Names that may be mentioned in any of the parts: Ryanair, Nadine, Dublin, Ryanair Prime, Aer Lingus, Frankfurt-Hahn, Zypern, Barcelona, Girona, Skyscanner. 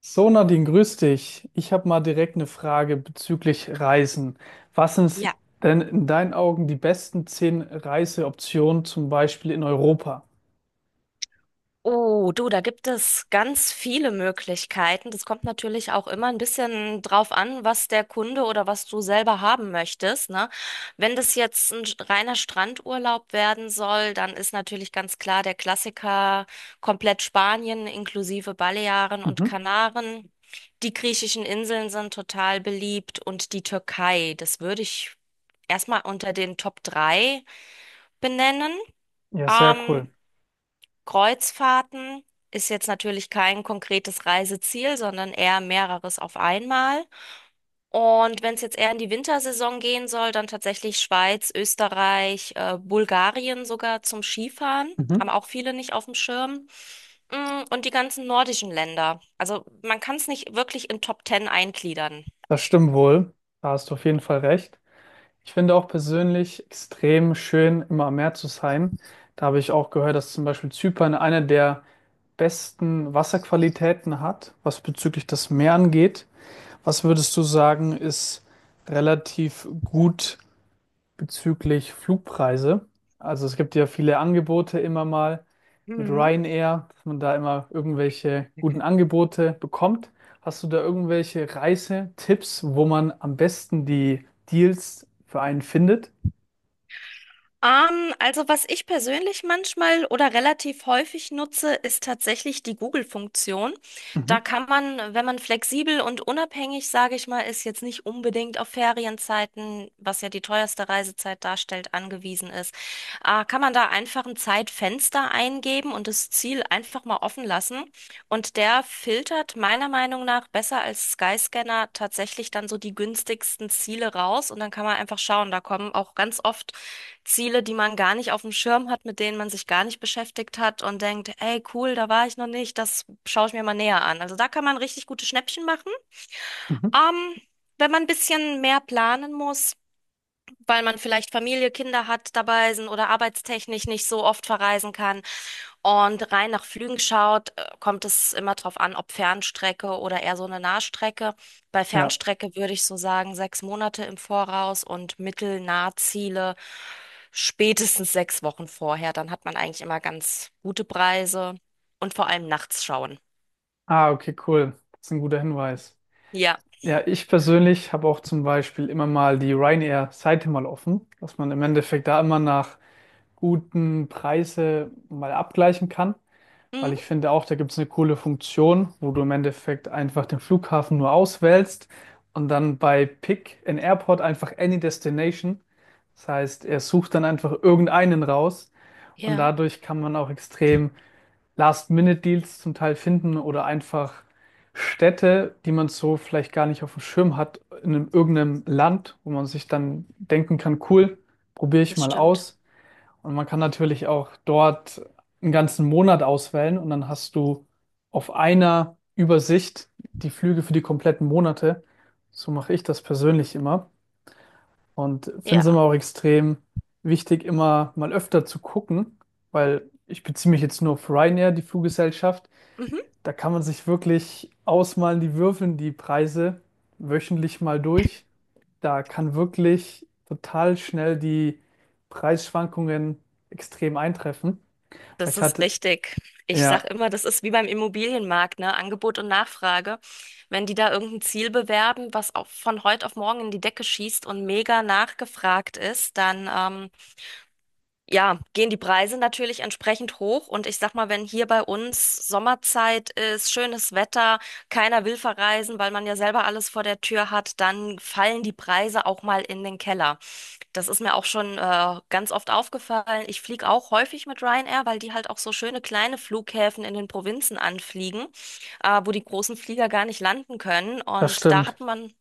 So, Nadine, grüß dich. Ich habe mal direkt eine Frage bezüglich Reisen. Was sind Ja. denn in deinen Augen die besten 10 Reiseoptionen, zum Beispiel in Europa? Oh, du, da gibt es ganz viele Möglichkeiten. Das kommt natürlich auch immer ein bisschen drauf an, was der Kunde oder was du selber haben möchtest, ne? Wenn das jetzt ein reiner Strandurlaub werden soll, dann ist natürlich ganz klar der Klassiker komplett Spanien inklusive Balearen und Mhm. Kanaren. Die griechischen Inseln sind total beliebt und die Türkei, das würde ich erstmal unter den Top 3 benennen. Ja, sehr Ähm, cool. Kreuzfahrten ist jetzt natürlich kein konkretes Reiseziel, sondern eher mehreres auf einmal. Und wenn es jetzt eher in die Wintersaison gehen soll, dann tatsächlich Schweiz, Österreich, Bulgarien sogar zum Skifahren. Mhm. Haben auch viele nicht auf dem Schirm. Und die ganzen nordischen Länder. Also man kann es nicht wirklich in Top Ten eingliedern. Das stimmt wohl. Da hast du auf jeden Fall recht. Ich finde auch persönlich extrem schön, immer am Meer zu sein. Da habe ich auch gehört, dass zum Beispiel Zypern eine der besten Wasserqualitäten hat, was bezüglich das Meer angeht. Was würdest du sagen, ist relativ gut bezüglich Flugpreise? Also es gibt ja viele Angebote immer mal mit Ryanair, dass man da immer irgendwelche guten Angebote bekommt. Hast du da irgendwelche Reisetipps, wo man am besten die Deals für einen findet? Also was ich persönlich manchmal oder relativ häufig nutze, ist tatsächlich die Google-Funktion. Mhm. Da kann man, wenn man flexibel und unabhängig, sage ich mal, ist jetzt nicht unbedingt auf Ferienzeiten, was ja die teuerste Reisezeit darstellt, angewiesen ist, kann man da einfach ein Zeitfenster eingeben und das Ziel einfach mal offen lassen. Und der filtert meiner Meinung nach besser als Skyscanner tatsächlich dann so die günstigsten Ziele raus. Und dann kann man einfach schauen, da kommen auch ganz oft Ziele, die man gar nicht auf dem Schirm hat, mit denen man sich gar nicht beschäftigt hat und denkt, ey, cool, da war ich noch nicht, das schaue ich mir mal näher an. Also da kann man richtig gute Schnäppchen machen. Mhm. Ähm, wenn man ein bisschen mehr planen muss, weil man vielleicht Familie, Kinder hat dabei sind oder arbeitstechnisch nicht so oft verreisen kann, und rein nach Flügen schaut, kommt es immer drauf an, ob Fernstrecke oder eher so eine Nahstrecke. Bei Ja. Fernstrecke würde ich so sagen, 6 Monate im Voraus und Mittel-Nahziele spätestens 6 Wochen vorher. Dann hat man eigentlich immer ganz gute Preise und vor allem nachts schauen. Ah, okay, cool. Das ist ein guter Hinweis. Ja. Ja, ich persönlich habe auch zum Beispiel immer mal die Ryanair-Seite mal offen, dass man im Endeffekt da immer nach guten Preise mal abgleichen kann. Weil ich Mhm. finde auch, da gibt es eine coole Funktion, wo du im Endeffekt einfach den Flughafen nur auswählst und dann bei Pick in Airport einfach Any Destination. Das heißt, er sucht dann einfach irgendeinen raus, und Ja, dadurch kann man auch extrem Last-Minute-Deals zum Teil finden oder einfach Städte, die man so vielleicht gar nicht auf dem Schirm hat, irgendeinem Land, wo man sich dann denken kann, cool, probiere ich das mal stimmt. aus. Und man kann natürlich auch dort einen ganzen Monat auswählen und dann hast du auf einer Übersicht die Flüge für die kompletten Monate. So mache ich das persönlich immer und finde es Ja. immer auch extrem wichtig, immer mal öfter zu gucken, weil ich beziehe mich jetzt nur auf Ryanair, die Fluggesellschaft. Mhm. Da kann man sich wirklich ausmalen, die würfeln die Preise wöchentlich mal durch. Da kann wirklich total schnell die Preisschwankungen extrem eintreffen. Das Ich ist hatte, richtig. Ich sag ja, immer, das ist wie beim Immobilienmarkt, ne? Angebot und Nachfrage. Wenn die da irgendein Ziel bewerben, was auch von heute auf morgen in die Decke schießt und mega nachgefragt ist, dann ja, gehen die Preise natürlich entsprechend hoch. Und ich sag mal, wenn hier bei uns Sommerzeit ist, schönes Wetter, keiner will verreisen, weil man ja selber alles vor der Tür hat, dann fallen die Preise auch mal in den Keller. Das ist mir auch schon ganz oft aufgefallen. Ich fliege auch häufig mit Ryanair, weil die halt auch so schöne kleine Flughäfen in den Provinzen anfliegen, wo die großen Flieger gar nicht landen können. das Und da stimmt. hat man,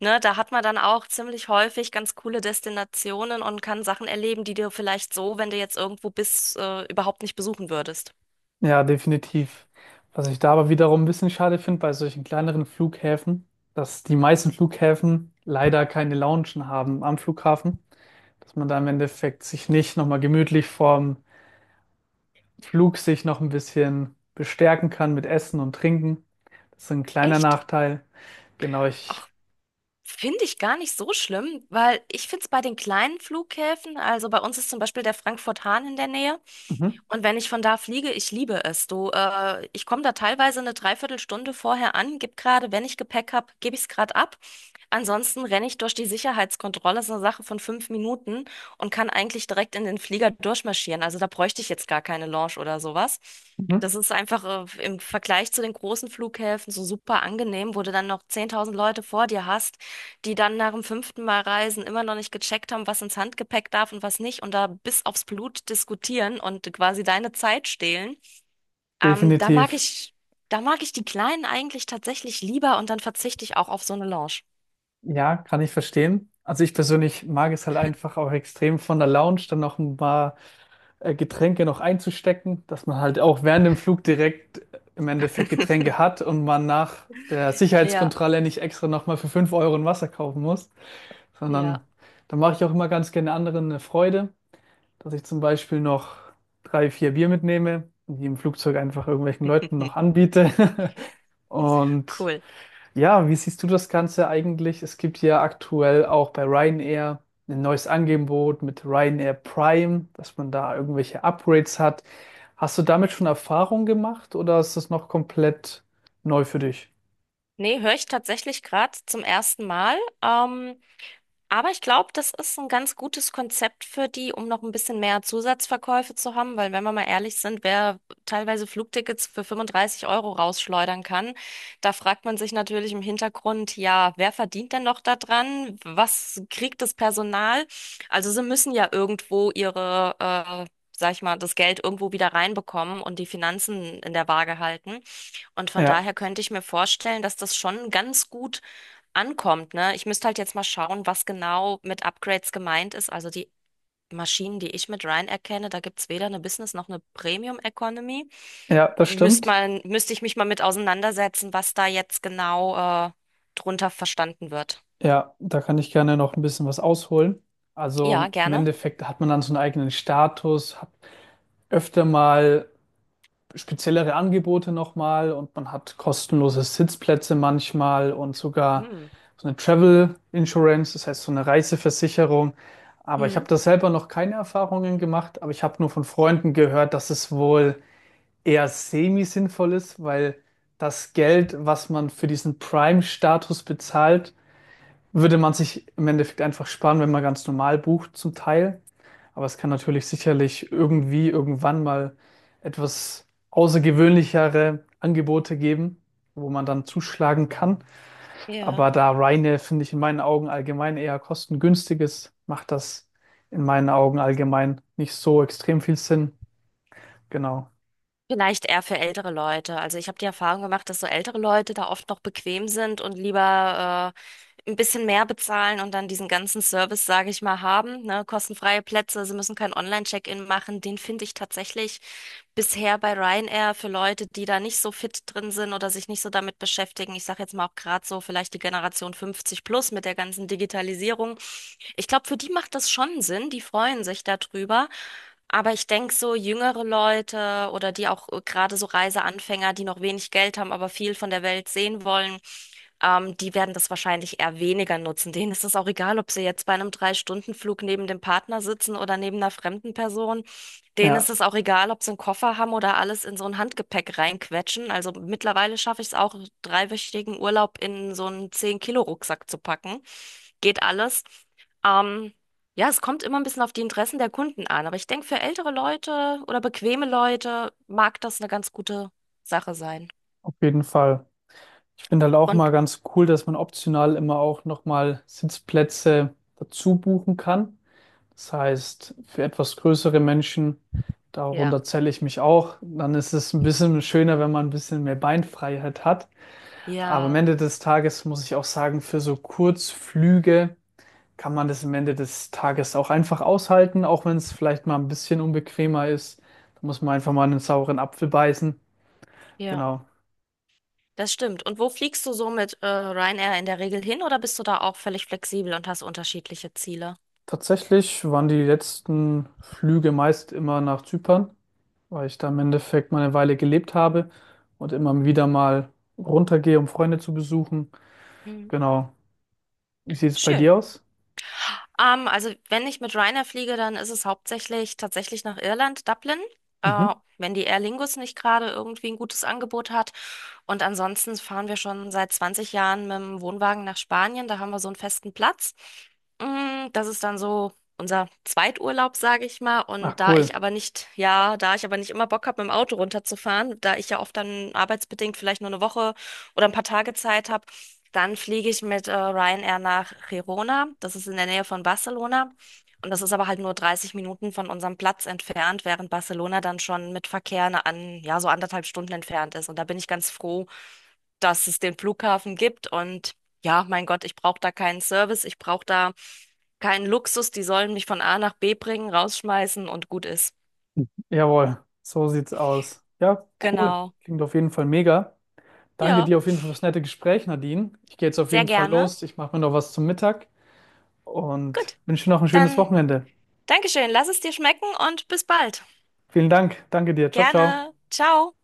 ne, da hat man dann auch ziemlich häufig ganz coole Destinationen und kann Sachen erleben, die du vielleicht so, wenn du jetzt irgendwo bist, überhaupt nicht besuchen würdest. Ja, definitiv. Was ich da aber wiederum ein bisschen schade finde bei solchen kleineren Flughäfen, dass die meisten Flughäfen leider keine Loungen haben am Flughafen, dass man da im Endeffekt sich nicht nochmal gemütlich vorm Flug sich noch ein bisschen bestärken kann mit Essen und Trinken. Das ist ein kleiner Echt? Nachteil. Genau, ich, Finde ich gar nicht so schlimm, weil ich finde es bei den kleinen Flughäfen, also bei uns ist zum Beispiel der Frankfurt-Hahn in der Nähe. mhm. Und wenn ich von da fliege, ich liebe es. Du, ich komme da teilweise eine Dreiviertelstunde vorher an, gib gerade, wenn ich Gepäck habe, gebe ich es gerade ab. Ansonsten renne ich durch die Sicherheitskontrolle, ist eine Sache von 5 Minuten und kann eigentlich direkt in den Flieger durchmarschieren. Also da bräuchte ich jetzt gar keine Lounge oder sowas. Mhm. Das ist einfach, im Vergleich zu den großen Flughäfen so super angenehm, wo du dann noch 10.000 Leute vor dir hast, die dann nach dem fünften Mal Reisen immer noch nicht gecheckt haben, was ins Handgepäck darf und was nicht und da bis aufs Blut diskutieren und quasi deine Zeit stehlen. Ähm, da mag Definitiv. ich, da mag ich die Kleinen eigentlich tatsächlich lieber und dann verzichte ich auch auf so eine Lounge. Ja, kann ich verstehen. Also ich persönlich mag es halt einfach auch extrem von der Lounge dann noch ein paar Getränke noch einzustecken, dass man halt auch während dem Flug direkt im Endeffekt Getränke hat und man nach der Ja, Sicherheitskontrolle nicht extra nochmal für 5 € ein Wasser kaufen muss, sondern ja, da mache ich auch immer ganz gerne anderen eine Freude, dass ich zum Beispiel noch drei, vier Bier mitnehme und die im Flugzeug einfach irgendwelchen Leuten noch anbiete. Und cool. ja, wie siehst du das Ganze eigentlich? Es gibt ja aktuell auch bei Ryanair ein neues Angebot mit Ryanair Prime, dass man da irgendwelche Upgrades hat. Hast du damit schon Erfahrung gemacht oder ist das noch komplett neu für dich? Nee, höre ich tatsächlich gerade zum ersten Mal. Aber ich glaube, das ist ein ganz gutes Konzept für die, um noch ein bisschen mehr Zusatzverkäufe zu haben, weil wenn wir mal ehrlich sind, wer teilweise Flugtickets für 35 € rausschleudern kann, da fragt man sich natürlich im Hintergrund, ja, wer verdient denn noch daran? Was kriegt das Personal? Also sie müssen ja irgendwo ihre, sag ich mal, das Geld irgendwo wieder reinbekommen und die Finanzen in der Waage halten. Und von Ja, daher könnte ich mir vorstellen, dass das schon ganz gut ankommt, ne? Ich müsste halt jetzt mal schauen, was genau mit Upgrades gemeint ist. Also die Maschinen, die ich mit Ryan erkenne, da gibt's weder eine Business noch eine Premium Economy. ja, das Müsste stimmt. man, müsste ich mich mal mit auseinandersetzen, was da jetzt genau drunter verstanden wird. Ja, da kann ich gerne noch ein bisschen was ausholen. Also Ja, im gerne. Endeffekt hat man dann so einen eigenen Status, hat öfter mal speziellere Angebote nochmal und man hat kostenlose Sitzplätze manchmal und sogar Hm. so eine Travel Insurance, das heißt so eine Reiseversicherung. Aber ich habe Mhm. da selber noch keine Erfahrungen gemacht, aber ich habe nur von Freunden gehört, dass es wohl eher semi-sinnvoll ist, weil das Geld, was man für diesen Prime-Status bezahlt, würde man sich im Endeffekt einfach sparen, wenn man ganz normal bucht zum Teil. Aber es kann natürlich sicherlich Mhm. irgendwie irgendwann mal etwas außergewöhnlichere Angebote geben, wo man dann zuschlagen kann. Ja. Aber da Ryanair, finde ich, in meinen Augen allgemein eher kostengünstig ist, macht das in meinen Augen allgemein nicht so extrem viel Sinn. Genau. Vielleicht eher für ältere Leute. Also ich habe die Erfahrung gemacht, dass so ältere Leute da oft noch bequem sind und lieber ein bisschen mehr bezahlen und dann diesen ganzen Service, sage ich mal, haben. Ne? Kostenfreie Plätze, sie müssen kein Online-Check-in machen. Den finde ich tatsächlich bisher bei Ryanair für Leute, die da nicht so fit drin sind oder sich nicht so damit beschäftigen. Ich sage jetzt mal auch gerade so vielleicht die Generation 50 plus mit der ganzen Digitalisierung. Ich glaube, für die macht das schon Sinn. Die freuen sich darüber. Aber ich denke, so jüngere Leute oder die auch gerade so Reiseanfänger, die noch wenig Geld haben, aber viel von der Welt sehen wollen, die werden das wahrscheinlich eher weniger nutzen. Denen ist es auch egal, ob sie jetzt bei einem 3-Stunden-Flug neben dem Partner sitzen oder neben einer fremden Person. Denen ist Ja, es auch egal, ob sie einen Koffer haben oder alles in so ein Handgepäck reinquetschen. Also mittlerweile schaffe ich es auch, dreiwöchigen Urlaub in so einen 10 Kilo rucksack zu packen. Geht alles. Ähm, ja, es kommt immer ein bisschen auf die Interessen der Kunden an, aber ich denke, für ältere Leute oder bequeme Leute mag das eine ganz gute Sache sein. auf jeden Fall. Ich finde halt auch Und mal ganz cool, dass man optional immer auch nochmal Sitzplätze dazu buchen kann. Das heißt, für etwas größere Menschen, ja, darunter zähle ich mich auch, dann ist es ein bisschen schöner, wenn man ein bisschen mehr Beinfreiheit hat. Aber am ja, Ende des Tages muss ich auch sagen, für so Kurzflüge kann man das am Ende des Tages auch einfach aushalten, auch wenn es vielleicht mal ein bisschen unbequemer ist. Da muss man einfach mal einen sauren Apfel beißen. ja, Genau. das stimmt. Und wo fliegst du so mit Ryanair in der Regel hin oder bist du da auch völlig flexibel und hast unterschiedliche Ziele? Tatsächlich waren die letzten Flüge meist immer nach Zypern, weil ich da im Endeffekt mal eine Weile gelebt habe und immer wieder mal runtergehe, um Freunde zu besuchen. Hm. Genau. Wie sieht es bei Schön. dir aus? Also wenn ich mit Ryanair fliege, dann ist es hauptsächlich tatsächlich nach Irland, Dublin. Äh, Mhm. wenn die Aer Lingus nicht gerade irgendwie ein gutes Angebot hat. Und ansonsten fahren wir schon seit 20 Jahren mit dem Wohnwagen nach Spanien. Da haben wir so einen festen Platz. Das ist dann so unser Zweiturlaub, sage ich mal. Und Ach, da ich cool. aber nicht, ja, da ich aber nicht immer Bock habe, mit dem Auto runterzufahren, da ich ja oft dann arbeitsbedingt vielleicht nur eine Woche oder ein paar Tage Zeit habe, dann fliege ich mit Ryanair nach Girona. Das ist in der Nähe von Barcelona. Und das ist aber halt nur 30 Minuten von unserem Platz entfernt, während Barcelona dann schon mit Verkehr an, ja, so anderthalb Stunden entfernt ist. Und da bin ich ganz froh, dass es den Flughafen gibt. Und ja, mein Gott, ich brauche da keinen Service, ich brauche da keinen Luxus. Die sollen mich von A nach B bringen, rausschmeißen und gut ist. Jawohl, so sieht's aus. Ja, cool. Genau. Klingt auf jeden Fall mega. Danke Ja, dir auf jeden Fall fürs nette Gespräch, Nadine. Ich gehe jetzt auf sehr jeden Fall gerne. los. Ich mache mir noch was zum Mittag und Gut, wünsche dir noch ein schönes dann Wochenende. Dankeschön. Lass es dir schmecken und bis bald. Vielen Dank. Danke dir. Ciao, ciao. Gerne. Ciao.